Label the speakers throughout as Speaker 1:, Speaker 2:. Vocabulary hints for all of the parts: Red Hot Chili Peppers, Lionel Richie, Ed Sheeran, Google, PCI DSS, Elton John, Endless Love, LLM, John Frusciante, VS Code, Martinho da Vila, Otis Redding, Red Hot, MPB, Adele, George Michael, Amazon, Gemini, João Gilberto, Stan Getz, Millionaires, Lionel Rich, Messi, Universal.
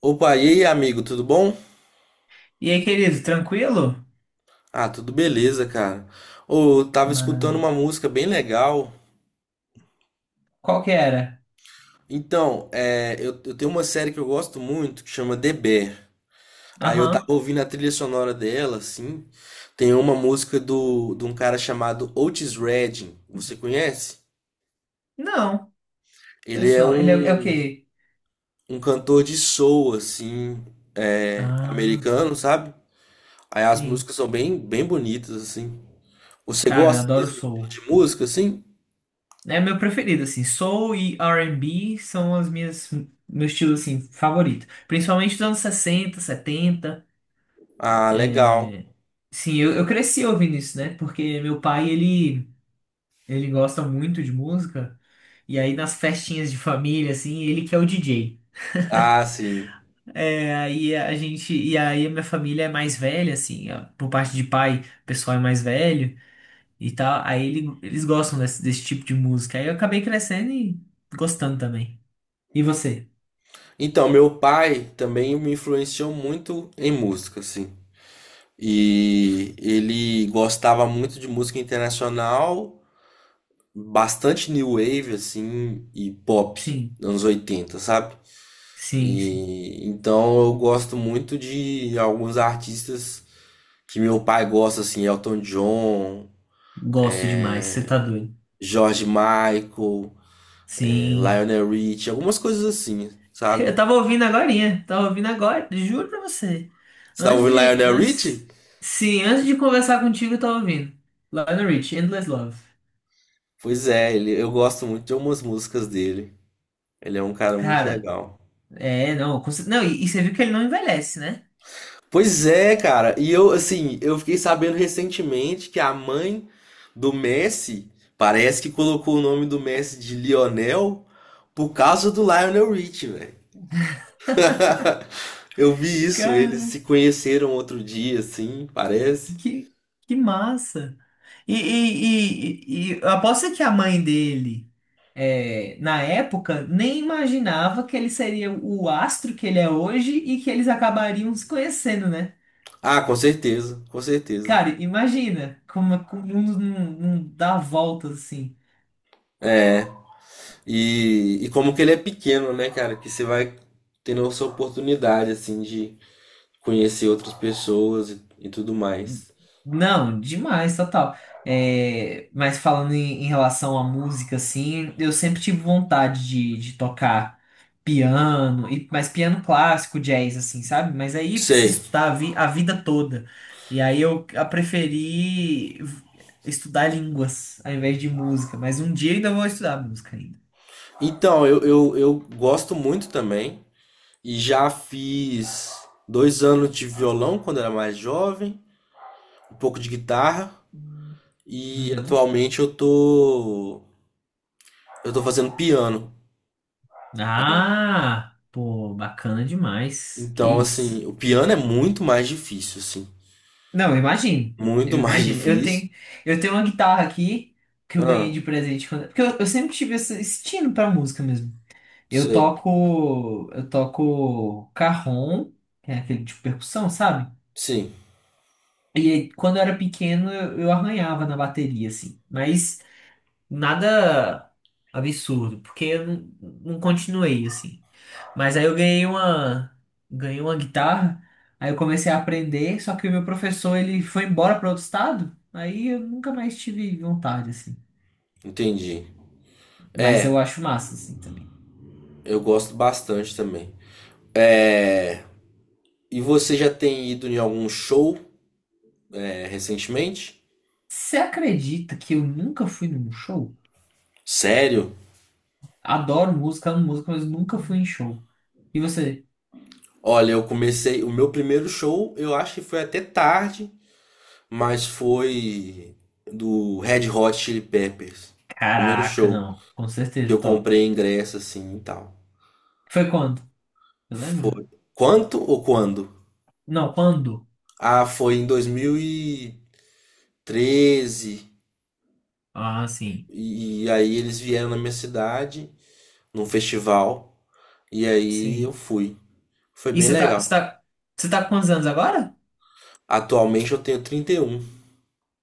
Speaker 1: Opa, e aí, amigo, tudo bom?
Speaker 2: E aí, querido, tranquilo?
Speaker 1: Ah, tudo beleza, cara. Ô, eu tava escutando
Speaker 2: Maravilha.
Speaker 1: uma música bem legal.
Speaker 2: Qual que era?
Speaker 1: Então eu tenho uma série que eu gosto muito que chama The Bear. Aí eu tava
Speaker 2: Aham.
Speaker 1: ouvindo a trilha sonora dela, assim. Tem uma música de um cara chamado Otis Redding. Você conhece?
Speaker 2: Não,
Speaker 1: Ele
Speaker 2: isso
Speaker 1: é
Speaker 2: não. Ele é o
Speaker 1: um,
Speaker 2: quê?
Speaker 1: um cantor de soul, assim,
Speaker 2: Ah,
Speaker 1: americano, sabe? Aí as
Speaker 2: sim.
Speaker 1: músicas são bem, bem bonitas, assim. Você
Speaker 2: Cara, eu
Speaker 1: gosta
Speaker 2: adoro
Speaker 1: desse tipo
Speaker 2: soul.
Speaker 1: de música, assim?
Speaker 2: É meu preferido, assim. Soul e R&B são as minhas, meu estilo, assim, favorito. Principalmente dos anos 60, 70.
Speaker 1: Ah, legal.
Speaker 2: É. Sim, eu cresci ouvindo isso, né? Porque meu pai, ele gosta muito de música. E aí, nas festinhas de família, assim, ele que é o DJ.
Speaker 1: Ah, sim.
Speaker 2: É, e a gente, e aí a minha família é mais velha, assim, ó, por parte de pai, o pessoal é mais velho e tal, aí eles gostam desse tipo de música. Aí eu acabei crescendo e gostando também. E você?
Speaker 1: Então, meu pai também me influenciou muito em música, assim. E ele gostava muito de música internacional, bastante new wave, assim, e pop,
Speaker 2: Sim,
Speaker 1: anos 80, sabe?
Speaker 2: sim, sim.
Speaker 1: E então eu gosto muito de alguns artistas que meu pai gosta, assim, Elton John,
Speaker 2: Gosto demais, você tá doido.
Speaker 1: George Michael,
Speaker 2: Sim.
Speaker 1: Lionel Richie, algumas coisas assim, sabe?
Speaker 2: Eu tava ouvindo agorinha, tava ouvindo agora, juro pra você.
Speaker 1: Você tava
Speaker 2: Antes
Speaker 1: ouvindo
Speaker 2: de,
Speaker 1: Lionel
Speaker 2: antes,
Speaker 1: Richie?
Speaker 2: sim, antes de conversar contigo, eu tava ouvindo. Lionel Rich, Endless Love.
Speaker 1: Pois é, ele, eu gosto muito de algumas músicas dele. Ele é um cara muito
Speaker 2: Cara,
Speaker 1: legal.
Speaker 2: não, não, e você viu que ele não envelhece, né?
Speaker 1: Pois é, cara. E eu, assim, eu fiquei sabendo recentemente que a mãe do Messi parece que colocou o nome do Messi de Lionel por causa do Lionel Richie, velho. Eu vi isso, eles
Speaker 2: Cara,
Speaker 1: se conheceram outro dia, assim, parece.
Speaker 2: que, que massa! E aposto que a mãe dele, é, na época, nem imaginava que ele seria o astro que ele é hoje e que eles acabariam se conhecendo, né?
Speaker 1: Ah, com certeza, com certeza.
Speaker 2: Cara, imagina como, é, como o mundo não, não dá voltas assim.
Speaker 1: É, e como que ele é pequeno, né, cara? Que você vai tendo essa oportunidade, assim, de conhecer outras pessoas e tudo mais.
Speaker 2: Não, demais, total. É, mas falando em, em relação à música, assim, eu sempre tive vontade de tocar piano, e, mas piano clássico, jazz, assim, sabe? Mas aí preciso
Speaker 1: Sei.
Speaker 2: estudar a vida toda. E aí eu a preferi estudar línguas ao invés de música. Mas um dia ainda vou estudar música ainda.
Speaker 1: Então eu gosto muito também. E já fiz 2 anos de violão quando era mais jovem, um pouco de guitarra. E
Speaker 2: Uhum.
Speaker 1: atualmente eu tô. Eu tô fazendo piano.
Speaker 2: Ah, pô, bacana demais. Que
Speaker 1: Então,
Speaker 2: isso.
Speaker 1: assim, o piano é muito mais difícil, assim.
Speaker 2: Não, eu imagino.
Speaker 1: Muito
Speaker 2: Eu
Speaker 1: mais
Speaker 2: imagino. Eu
Speaker 1: difícil.
Speaker 2: tenho, eu tenho uma guitarra aqui que eu
Speaker 1: Ah,
Speaker 2: ganhei de presente quando- porque eu sempre tive esse estilo pra música mesmo. Eu
Speaker 1: sei.
Speaker 2: toco, eu toco carrom, que é aquele de percussão, sabe?
Speaker 1: Sim,
Speaker 2: E aí, quando eu era pequeno, eu arranhava na bateria assim. Mas nada absurdo, porque eu não continuei assim. Mas aí eu ganhei uma guitarra, aí eu comecei a aprender, só que o meu professor ele foi embora para outro estado, aí eu nunca mais tive vontade assim.
Speaker 1: entendi.
Speaker 2: Mas eu acho massa assim também.
Speaker 1: Eu gosto bastante também. É... E você já tem ido em algum show, recentemente?
Speaker 2: Você acredita que eu nunca fui num show?
Speaker 1: Sério?
Speaker 2: Adoro música, amo música, mas nunca fui em show. E você?
Speaker 1: Olha, eu comecei. O meu primeiro show, eu acho que foi até tarde, mas foi do Red Hot Chili Peppers. Primeiro
Speaker 2: Caraca,
Speaker 1: show
Speaker 2: não. Com
Speaker 1: que
Speaker 2: certeza,
Speaker 1: eu
Speaker 2: top.
Speaker 1: comprei ingresso assim e tal.
Speaker 2: Foi quando? Você lembra?
Speaker 1: Foi. Quanto ou quando?
Speaker 2: Não, quando?
Speaker 1: Ah, foi em 2013. E treze.
Speaker 2: Ah, sim.
Speaker 1: E aí eles vieram na minha cidade, num festival, e aí eu
Speaker 2: Sim.
Speaker 1: fui. Foi
Speaker 2: E
Speaker 1: bem
Speaker 2: você tá, você
Speaker 1: legal.
Speaker 2: tá, você tá com quantos anos agora?
Speaker 1: Atualmente eu tenho 31.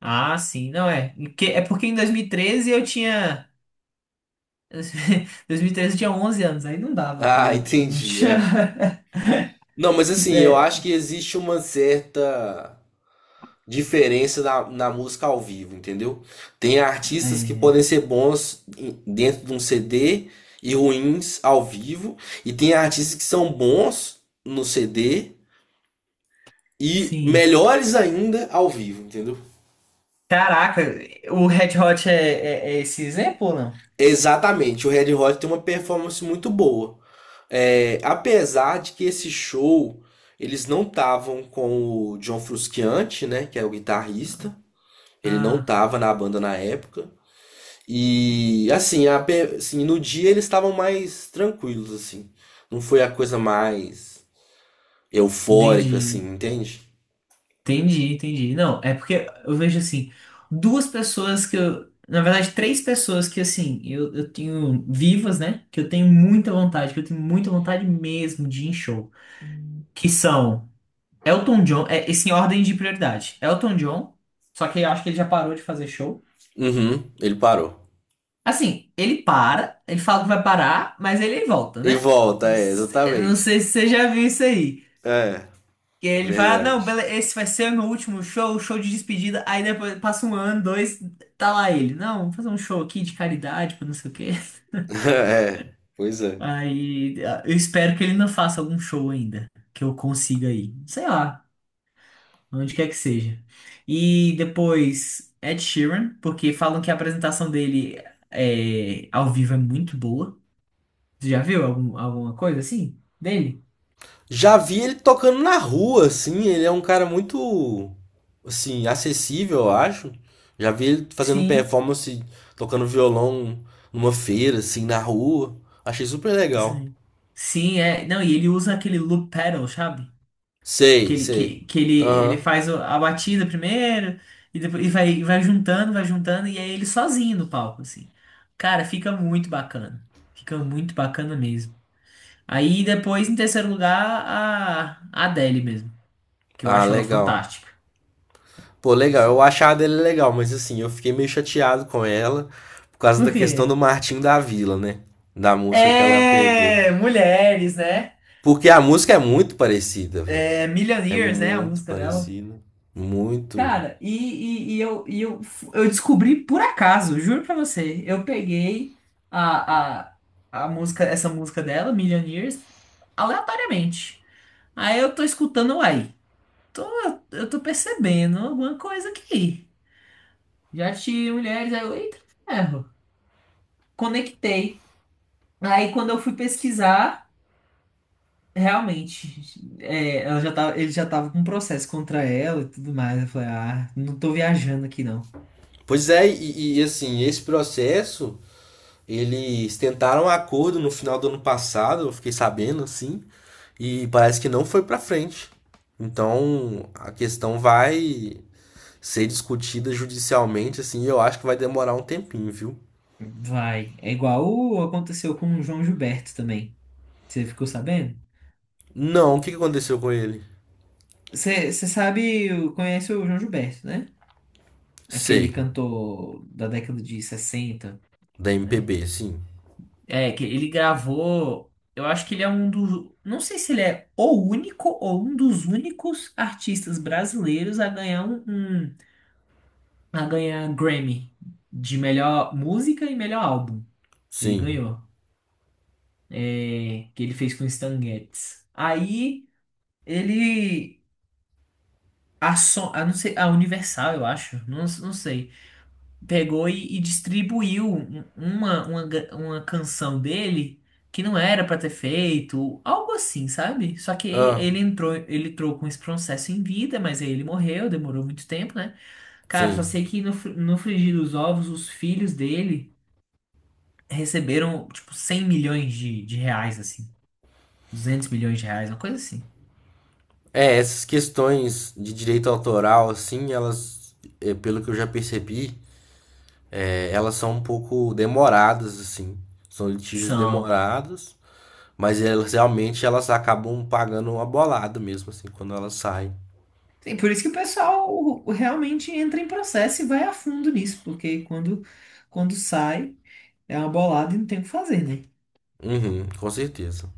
Speaker 2: Ah, sim, não é. Que- É porque em 2013 eu tinha. 2013 eu tinha 11 anos, aí não dava pra
Speaker 1: Ah,
Speaker 2: mim. Não
Speaker 1: entendi,
Speaker 2: tinha.
Speaker 1: é. Não, mas assim, eu acho
Speaker 2: É,
Speaker 1: que existe uma certa diferença na música ao vivo, entendeu? Tem artistas que
Speaker 2: é,
Speaker 1: podem ser bons em- dentro de um CD e ruins ao vivo, e tem artistas que são bons no CD e
Speaker 2: sim.
Speaker 1: melhores ainda ao vivo, entendeu?
Speaker 2: Caraca, o Red Hot é esse exemplo ou não?
Speaker 1: Exatamente, o Red Hot tem uma performance muito boa. É, apesar de que esse show eles não estavam com o John Frusciante, né, que é o guitarrista. Ele não
Speaker 2: Ah,
Speaker 1: tava na banda na época. E assim, a pe- assim, no dia eles estavam mais tranquilos, assim. Não foi a coisa mais eufórica, assim,
Speaker 2: entendi.
Speaker 1: entende?
Speaker 2: Entendi, entendi. Não, é porque eu vejo assim, duas pessoas que eu, na verdade, três pessoas que assim, eu tenho vivas, né? Que eu tenho muita vontade mesmo de ir em show. Que são Elton John, é, esse em ordem de prioridade. Elton John, só que eu acho que ele já parou de fazer show.
Speaker 1: Uhum, ele parou.
Speaker 2: Assim, ele para, ele fala que vai parar, mas ele volta,
Speaker 1: E
Speaker 2: né?
Speaker 1: volta,
Speaker 2: Não,
Speaker 1: é,
Speaker 2: eu não
Speaker 1: exatamente.
Speaker 2: sei se você já viu isso aí.
Speaker 1: É,
Speaker 2: Que
Speaker 1: é
Speaker 2: ele fala, não,
Speaker 1: verdade.
Speaker 2: esse vai ser o meu último show, show de despedida. Aí depois passa um ano, dois, tá lá ele. Não, vou fazer um show aqui de caridade, pra não sei o quê.
Speaker 1: É, pois é.
Speaker 2: Aí, eu espero que ele não faça algum show ainda, que eu consiga ir. Sei lá, onde quer que seja. E depois Ed Sheeran, porque falam que a apresentação dele é, ao vivo é muito boa. Você já viu alguma coisa assim dele?
Speaker 1: Já vi ele tocando na rua, assim. Ele é um cara muito, assim, acessível, eu acho. Já vi ele fazendo
Speaker 2: Sim.
Speaker 1: performance, tocando violão numa feira, assim, na rua. Achei super legal.
Speaker 2: Sim, sim, é. Não, e ele usa aquele loop pedal, sabe? que
Speaker 1: Sei,
Speaker 2: ele,
Speaker 1: sei.
Speaker 2: que, que ele, ele
Speaker 1: Aham.
Speaker 2: faz a batida primeiro e depois vai juntando, vai juntando, e é ele sozinho no palco, assim. Cara, fica muito bacana. Fica muito bacana mesmo. Aí depois, em terceiro lugar, a Adele mesmo, que eu
Speaker 1: Ah,
Speaker 2: acho ela
Speaker 1: legal.
Speaker 2: fantástica.
Speaker 1: Pô, legal. Eu
Speaker 2: Assim.
Speaker 1: achava dele legal, mas assim, eu fiquei meio chateado com ela por causa
Speaker 2: Por
Speaker 1: da
Speaker 2: quê?
Speaker 1: questão do Martinho da Vila, né? Da música que ela pegou.
Speaker 2: É, mulheres, né?
Speaker 1: Porque a música é muito parecida, velho.
Speaker 2: É
Speaker 1: É
Speaker 2: Millionaires, né? A
Speaker 1: muito
Speaker 2: música dela.
Speaker 1: parecida. Muito.
Speaker 2: Cara, eu descobri por acaso, juro pra você. Eu peguei a, a, essa música dela, Millionaires, aleatoriamente. Aí eu tô escutando, tô, eu tô percebendo alguma coisa aqui. Já tive mulheres, aí eu, eita, ferro. Conectei. Aí quando eu fui pesquisar, realmente, é, ela já tava, ele já tava com um processo contra ela e tudo mais. Eu falei, ah, não tô viajando aqui não.
Speaker 1: Pois é, assim, esse processo, eles tentaram um acordo no final do ano passado, eu fiquei sabendo assim, e parece que não foi para frente. Então, a questão vai ser discutida judicialmente, assim, e eu acho que vai demorar um tempinho, viu?
Speaker 2: Vai. É igual aconteceu com o João Gilberto também. Você ficou sabendo?
Speaker 1: Não, o que que aconteceu com ele?
Speaker 2: Você sabe, conhece o João Gilberto, né? Aquele
Speaker 1: Sei,
Speaker 2: cantor da década de 60,
Speaker 1: da
Speaker 2: né?
Speaker 1: MPB, sim.
Speaker 2: É, que ele gravou. Eu acho que ele é um dos. Não sei se ele é o único ou um dos únicos artistas brasileiros a ganhar Grammy de melhor música e melhor álbum. Ele
Speaker 1: Sim.
Speaker 2: ganhou. É, que ele fez com o Stan Getz. Aí. Ele não sei, a Universal, eu acho, não, não sei, pegou e distribuiu uma canção dele que não era pra ter feito, algo assim, sabe? Só que
Speaker 1: Ah,
Speaker 2: ele entrou com esse processo em vida, mas aí ele morreu, demorou muito tempo, né? Cara, só
Speaker 1: sim.
Speaker 2: sei que no frigir dos ovos, os filhos dele receberam, tipo, 100 milhões de reais, assim, 200 milhões de reais, uma coisa assim.
Speaker 1: É, essas questões de direito autoral, assim, elas, pelo que eu já percebi, é, elas são um pouco demoradas, assim. São litígios
Speaker 2: São
Speaker 1: demorados, mas elas realmente elas acabam pagando uma bolada mesmo, assim, quando elas saem.
Speaker 2: Sim, por isso que o pessoal realmente entra em processo e vai a fundo nisso, porque quando sai é uma bolada e não tem o que fazer, né?
Speaker 1: Uhum, com certeza.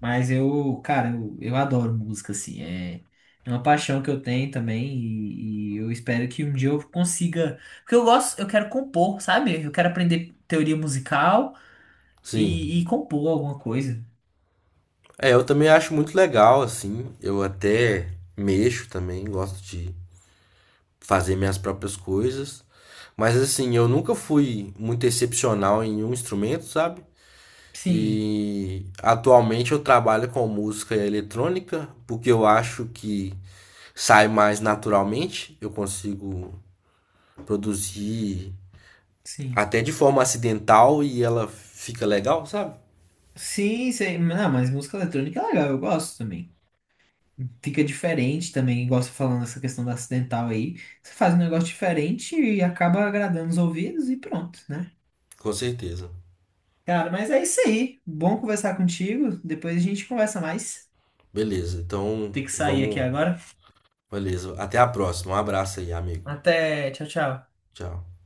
Speaker 2: Mas eu, cara, eu adoro música, assim, é uma paixão que eu tenho também e eu espero que um dia eu consiga. Porque eu gosto, eu quero compor, sabe? Eu quero aprender teoria musical
Speaker 1: Sim.
Speaker 2: e compor alguma coisa.
Speaker 1: É, eu também acho muito legal, assim. Eu até mexo também, gosto de fazer minhas próprias coisas. Mas assim, eu nunca fui muito excepcional em um instrumento, sabe?
Speaker 2: Sim,
Speaker 1: E atualmente eu trabalho com música eletrônica, porque eu acho que sai mais naturalmente, eu consigo produzir
Speaker 2: sim.
Speaker 1: até de forma acidental e ela fica legal, sabe?
Speaker 2: Sim, sim. Não, mas música eletrônica é legal, eu gosto também. Fica diferente também, igual você falando essa questão da acidental aí. Você faz um negócio diferente e acaba agradando os ouvidos e pronto, né?
Speaker 1: Com certeza.
Speaker 2: Cara, mas é isso aí. Bom conversar contigo. Depois a gente conversa mais.
Speaker 1: Beleza, então
Speaker 2: Tem que sair aqui
Speaker 1: vamos.
Speaker 2: agora.
Speaker 1: Beleza, até a próxima. Um abraço aí, amigo.
Speaker 2: Até, tchau, tchau.
Speaker 1: Tchau.